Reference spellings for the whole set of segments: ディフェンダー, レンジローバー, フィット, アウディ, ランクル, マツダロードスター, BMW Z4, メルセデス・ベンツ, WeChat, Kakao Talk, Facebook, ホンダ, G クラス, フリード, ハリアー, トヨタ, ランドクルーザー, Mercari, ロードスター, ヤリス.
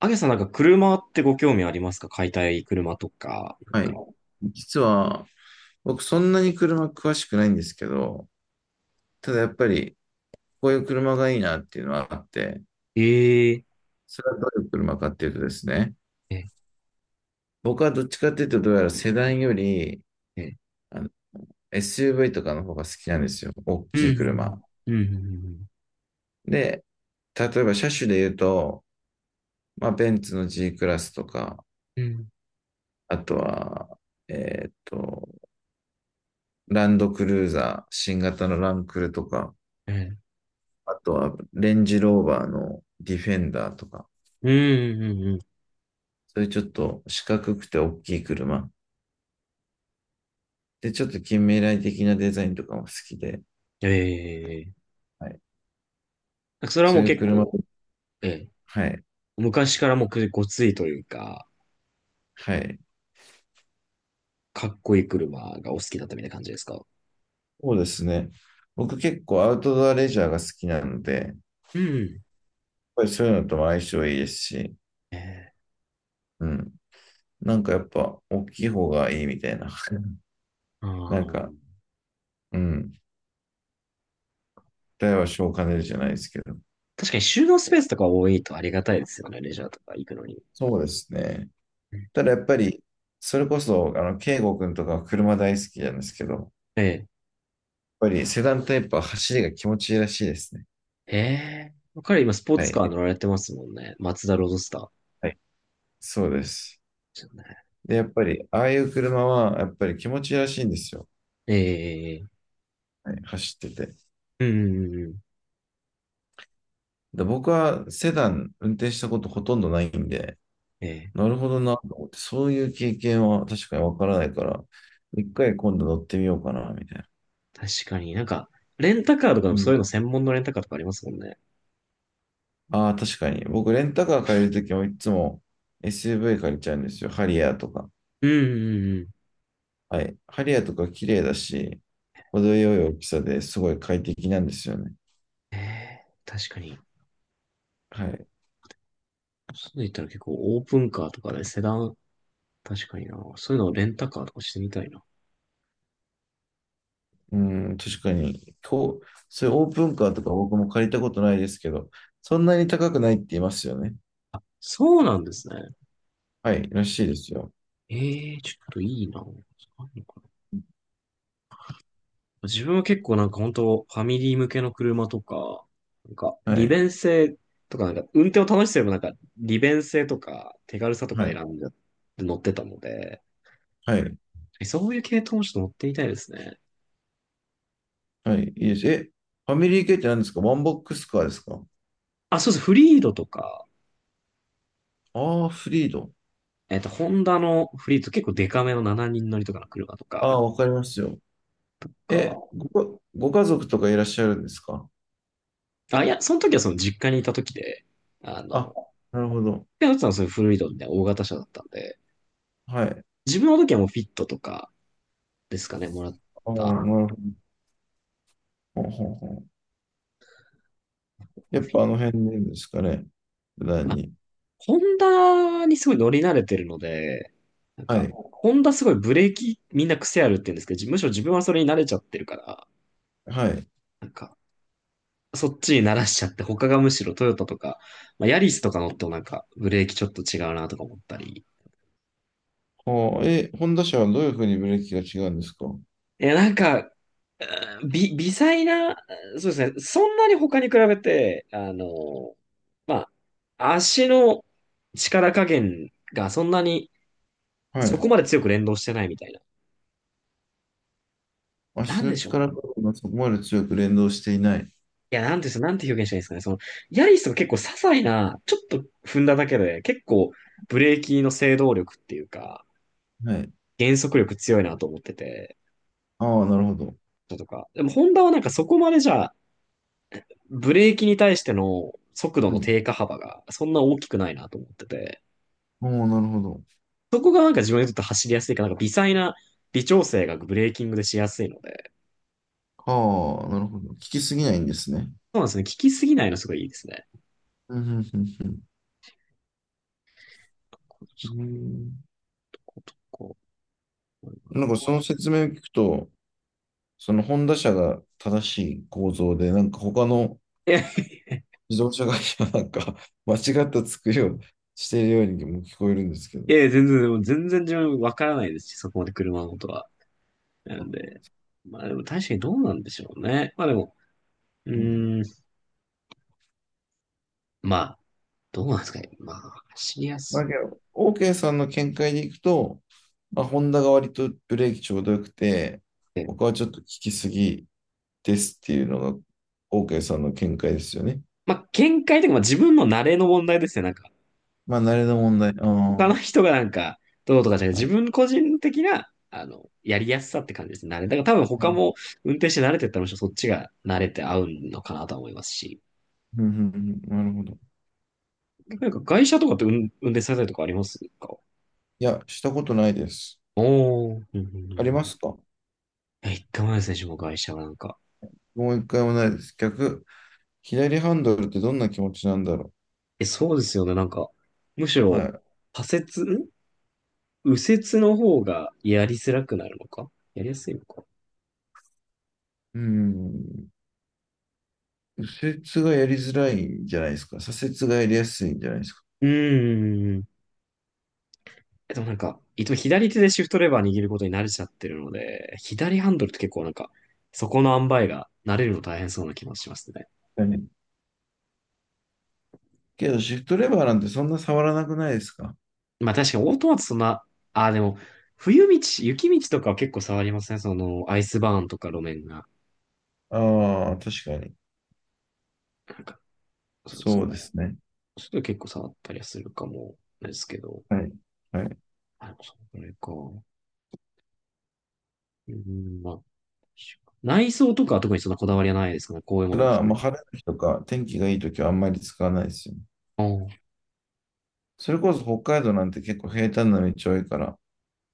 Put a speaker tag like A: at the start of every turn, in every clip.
A: あげさん、なんか車ってご興味ありますか？買いたい車とか、なん
B: は
A: か。
B: い。実は、僕そんなに車詳しくないんですけど、ただやっぱり、こういう車がいいなっていうのはあって、
A: ええ。
B: それはどういう車かっていうとですね、
A: え、え、
B: 僕はどっちかっていうと、どうやらセダンより、
A: ええ。
B: あの、SUV とかの方が好きなんですよ。大
A: う
B: き
A: ん、
B: い車。
A: うん、うん、
B: で、例えば車種で言うと、まあ、ベンツの G クラスとか、
A: うん、うん、
B: あとは、えっと、ランドクルーザー、新型のランクルとか、
A: うん、
B: あとはレンジローバーのディフェンダーとか、
A: うん、うん。うん。
B: そういうちょっと四角くて大きい車。で、ちょっと近未来的なデザインとかも好きで、
A: ええ。
B: はい。
A: なんかそれは
B: そ
A: も
B: う
A: う
B: いう
A: 結
B: 車、
A: 構、ええ、
B: はい。
A: 昔からもうくごついというか、
B: はい。
A: かっこいい車がお好きだったみたいな感じですか？
B: そうですね。僕結構アウトドアレジャーが好きなので、やっ
A: うん。
B: ぱりそういうのとも相性いいですし、
A: ええ、
B: うん。なんかやっぱ大きい方がいいみたいな。
A: あ
B: なんか、
A: ー、
B: うん。大は小を兼ねるじゃないですけど。
A: 確かに収納スペースとか多いとありがたいですよね、レジャーとか行くのに。
B: そうですね。
A: うん。
B: ただやっぱり、それこそ、圭吾君とかは車大好きなんですけど、やっ
A: ええ、
B: ぱりセダンタイプは走りが気持ちいいらしいですね。
A: ええ。彼今スポー
B: は
A: ツカー
B: い、
A: 乗られてますもんね。マツダロードスタ
B: はい、そうです。
A: ー。
B: で、やっぱり、ああいう車は、やっぱり気持ちいいらしいんですよ。
A: ええ。
B: はい、走ってて。
A: うん、うん、うん、うん。
B: で、僕はセダン運転したことほとんどないんで、
A: ええ、
B: なるほどなと思って、そういう経験は確かにわからないから、一回今度乗ってみようかな、みたいな。
A: 確かに、なんか、レンタカーとかで
B: う
A: もそうい
B: ん、
A: うの専門のレンタカーとかありますもんね。
B: ああ、確かに。僕、レンタカー借りるときもいつも SUV 借りちゃうんですよ。ハリアーとか。
A: うん、うん、うん。
B: はい。ハリアーとか綺麗だし、程よい大きさですごい快適なんですよね。
A: ええ、確かに。
B: はい。
A: そういったら結構オープンカーとかねセダン、確かにな。そういうのをレンタカーとかしてみたいな。
B: うん、確かに。こう、そういうオープンカーとか僕も借りたことないですけど、そんなに高くないって言いますよね。
A: そうなんですね。
B: はい、らしいですよ。
A: ええ、ちょっといいな。あるのかな。自分は結構なんか本当ファミリー向けの車とか、なんか
B: は
A: 利
B: い、
A: 便性とか、なんか運転を楽しけば、なんか利便性とか手軽さと
B: は
A: か選
B: い、
A: んで乗ってたので、
B: はい、
A: そういう系統もちょっと持ってみたいですね。
B: はい、いいです。え、ファミリー系って何ですか？ワンボックスカーですか？
A: あ、そうです。フリードとか、
B: ああー、フリード。
A: ホンダのフリード結構デカめの7人乗りとかの車と
B: あ
A: か、
B: あ、わかりますよ。
A: と
B: え、
A: か、
B: ご家族とかいらっしゃるんですか？
A: あ、いや、その時はその実家にいた時で、あの、
B: あ、なるほど。
A: ペアさんはそういうフリードみたいな大型車だったんで、
B: はい。あ
A: 自分の時はもうフィットとかですかね、もらっ
B: あ、
A: た。
B: なるほど。ほうほうほう。
A: あ
B: やっ
A: フ
B: ぱあ
A: ィ
B: の辺でですかね？普段に。
A: ホンダにすごい乗り慣れてるので、なん
B: は
A: か、
B: い、
A: ホンダすごいブレーキみんな癖あるって言うんですけど、むしろ自分はそれに慣れちゃってるから、
B: はい。
A: なんか、そっちに慣らしちゃって、他がむしろトヨタとか、まあ、ヤリスとか乗ってもなんかブレーキちょっと違うなとか思ったり。
B: ああ、え、ホンダ車はどういうふうにブレーキが違うんですか？
A: いや、なんか、うん、微細な、そうですね、そんなに他に比べて、まあ、足の力加減がそんなに、
B: は
A: そ
B: い。
A: こまで強く連動してないみたいな。な
B: 足
A: んで
B: の
A: しょうか
B: 力
A: ね。
B: 加減がそこまで強く連動していない。
A: いや、なんですなんて表現したらいいですかね。その、ヤリスとか結構些細な、ちょっと踏んだだけで、結構ブレーキの制動力っていうか、
B: はい。
A: 減速力強いなと思ってて。
B: ああ、なるほど。
A: とか。でも、ホンダはなんかそこまでじゃあ、ブレーキに対しての速度
B: は
A: の
B: い。
A: 低下幅がそんな大きくないなと思ってて、
B: ああ、なるほど。
A: そこがなんか自分にとって走りやすいか、なんか微細な微調整がブレーキングでしやすいので、
B: ああ、なるほど。効きすぎないんですね。
A: そうなんですね。聞きすぎないのすごいいいですね。
B: うん、うん、うん。うんうん。なんかその説明を聞くと、そのホンダ車が正しい構造で、なんか他の
A: いや、い
B: 自動車会社はなんか 間違った作りをしているようにも聞こえるんですけど。
A: や、全然、全然自分わからないですし、そこまで車のことは。な
B: あ
A: んで、まあでも確かにどうなんでしょうね。まあでも、う
B: うん。
A: ーん、まあ、どうなんですかね。まあ、走りやす
B: だ
A: く
B: けど、OK さんの見解でいくと、まあ、ホンダが割とブレーキちょうどよくて、
A: て、
B: 他はちょっと効きすぎですっていうのが OK さんの見解ですよね。
A: まあ、見解というか、まあ、自分の慣れの問題ですね。なんか、
B: まあ、慣れの問題。ああ、
A: 他の
B: は
A: 人がなんか、どうとかじゃなくて、
B: い。
A: 自分個人的な、やりやすさって感じですね。慣れ。だから多分
B: あう
A: 他
B: ん
A: も運転して慣れてったら、むしろそっちが慣れて合うのかなとは思いますし。
B: うんうん。なるほど。
A: なんか、外車とかって運転されたりとかありますか？
B: いや、したことないです。
A: おー。うん、うん、うん、
B: ありま
A: うん。
B: すか？
A: え、一回もないですね、自分も外車はなんか。
B: もう一回もないです。逆、左ハンドルってどんな気持ちなんだろ
A: え、そうですよね、なんか、むし
B: う。は
A: ろ、
B: い。
A: 左折、右折の方がやりづらくなるのかやりやすいのか。
B: うん。右折がやりづらいんじゃないですか？左折がやりやすいんじゃないですか？
A: うーん。え、でもなんか、いつも左手でシフトレバー握ることに慣れちゃってるので、左ハンドルって結構なんか、そこの塩梅が慣れるの大変そうな気もしますね。
B: けど、シフトレバーなんてそんな触らなくないですか？
A: まあ確かにオートマトそんな、ああでも、冬道、雪道とかは結構触りますね。その、アイスバーンとか路面が。
B: ああ、確かに。
A: なんか、そうそ
B: そうです
A: う。
B: ね。
A: それ結構触ったりはするかもですけど。
B: はい。はい。
A: あ、でもそれか。うん、まあ、内装とかは特にそんなこだわりはないですかね。こういうも
B: だ
A: の
B: か
A: を着
B: ら、
A: て
B: まあ、
A: も。
B: 晴れの日とか、天気がいい時はあんまり使わないですよね。
A: うん、
B: それこそ北海道なんて結構平坦な道多いから、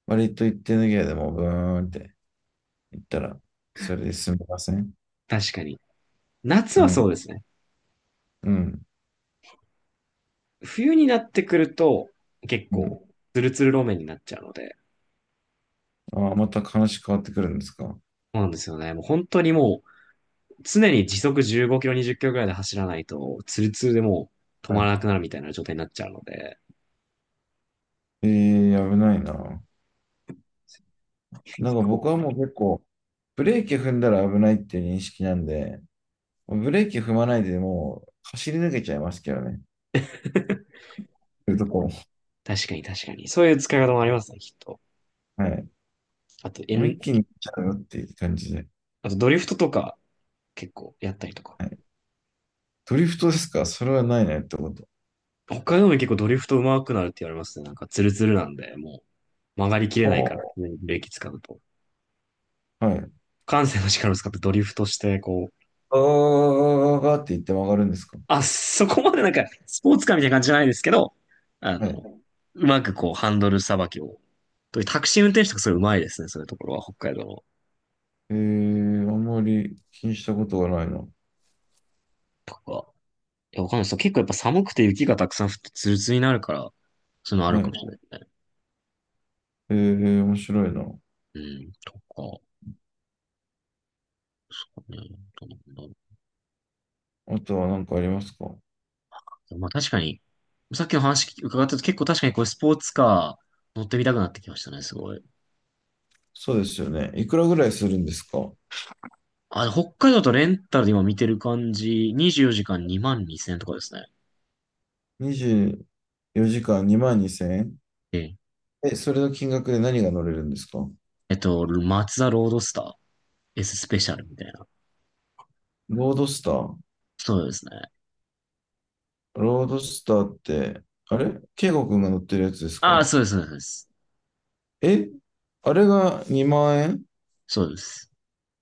B: 割と行ってぬけでもブーンって行ったら、それで済みません。
A: 確かに。夏
B: う
A: はそ
B: ん、
A: うですね。
B: うん、
A: 冬になってくると、結
B: うん。
A: 構、ツルツル路面になっちゃうので、
B: ああ、また話変わってくるんですか？は
A: そうなんですよね。もう本当にもう、常に時速15キロ、20キロぐらいで走らないと、ツルツルでもう止まらなくなるみたいな状態になっちゃうので、
B: い。ええー、危ないな。
A: 結
B: なんか僕
A: 構、
B: はもう結構、ブレーキ踏んだら危ないっていう認識なんで、ブレーキ踏まないでもう走り抜けちゃいますけどね。そういうとこも。
A: 確かに確かに。そういう使い方もありますね、きっと。
B: はい。
A: あと、エ
B: もう
A: ン、
B: 一気に行っちゃうよっていう感じで。
A: あとドリフトとか、結構やったりとか。
B: はい。ドリフトですか？それはないねってこと。
A: 北海道も結構ドリフト上手くなるって言われますね。なんかツルツルなんで、もう曲がりきれないから、
B: ほ
A: ブレーキ使うと。
B: う。はい。
A: 感性の力を使ってドリフトして、こう、
B: あーがーって言って曲がるんですか？
A: あ、そこまでなんか、スポーツカーみたいな感じじゃないですけど、あ
B: は
A: の、
B: い。
A: うまくこう、ハンドルさばきを。とタクシー運転手とかすごいうまいですね、そういうところは、北海道の。
B: えー、あんまり気にしたことがないな。
A: とか。いや、わかんないです。結構やっぱ寒くて雪がたくさん降ってツルツルになるから、そういうのある
B: は
A: かも
B: い。
A: しれないですね。
B: えー、面白いな。
A: うん、とか。う
B: あとは何かありますか？
A: ん、まあ確かに、さっきの話伺ったと結構確かにこれスポーツカー乗ってみたくなってきましたね、すごい。
B: そうですよね。いくらぐらいするんですか？
A: あ、北海道とレンタルで今見てる感じ、24時間2万2000円とかですね。
B: 24 時間2万2000円？
A: ええ。
B: えん、それの金額で何が乗れるんですか？
A: マツダロードスター S スペシャルみたいな。
B: ロードスター。
A: そうですね。
B: ロードスターって、あれケイゴくんが乗ってるやつです
A: ああ、
B: か？
A: そうです、そうです。
B: え、あれが2万円？
A: そうです。そうです。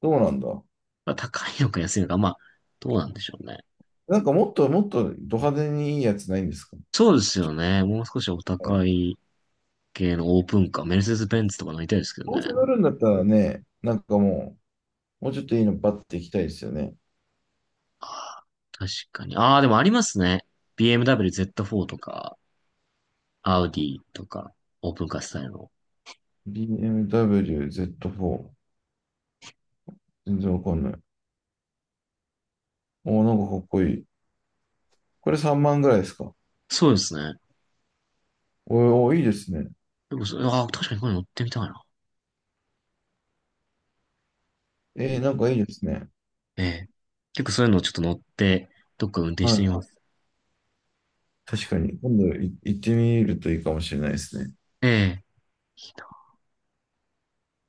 B: どうなんだ。
A: まあ、高いのか安いのか、まあ、どうなんでしょうね。
B: なんかもっともっとド派手にいいやつないんですか？
A: そうですよね。もう少しお
B: はい。
A: 高い系のオープンカー、メルセデス・ベンツとか乗りたいですけど
B: どう
A: ね。
B: せ乗るんだったらね、なんかもう、もうちょっといいのバッて行きたいですよね。
A: ああ、確かに。ああ、でもありますね。BMW Z4 とか、アウディとか、オープンカースタイルの。
B: BMW Z4。全然わかんない。おー、なんかかっこいい。これ3万ぐらいですか？
A: そうですね。
B: おーおー、いいですね。
A: でもそれ、ああ、確かにこれ乗ってみたいな。
B: えー、なんかいいですね。
A: ええ。結構そういうのをちょっと乗って、どっか運転し
B: は
A: てみ
B: い。
A: ます。
B: 確かに。今度行ってみるといいかもしれないですね。
A: ええ。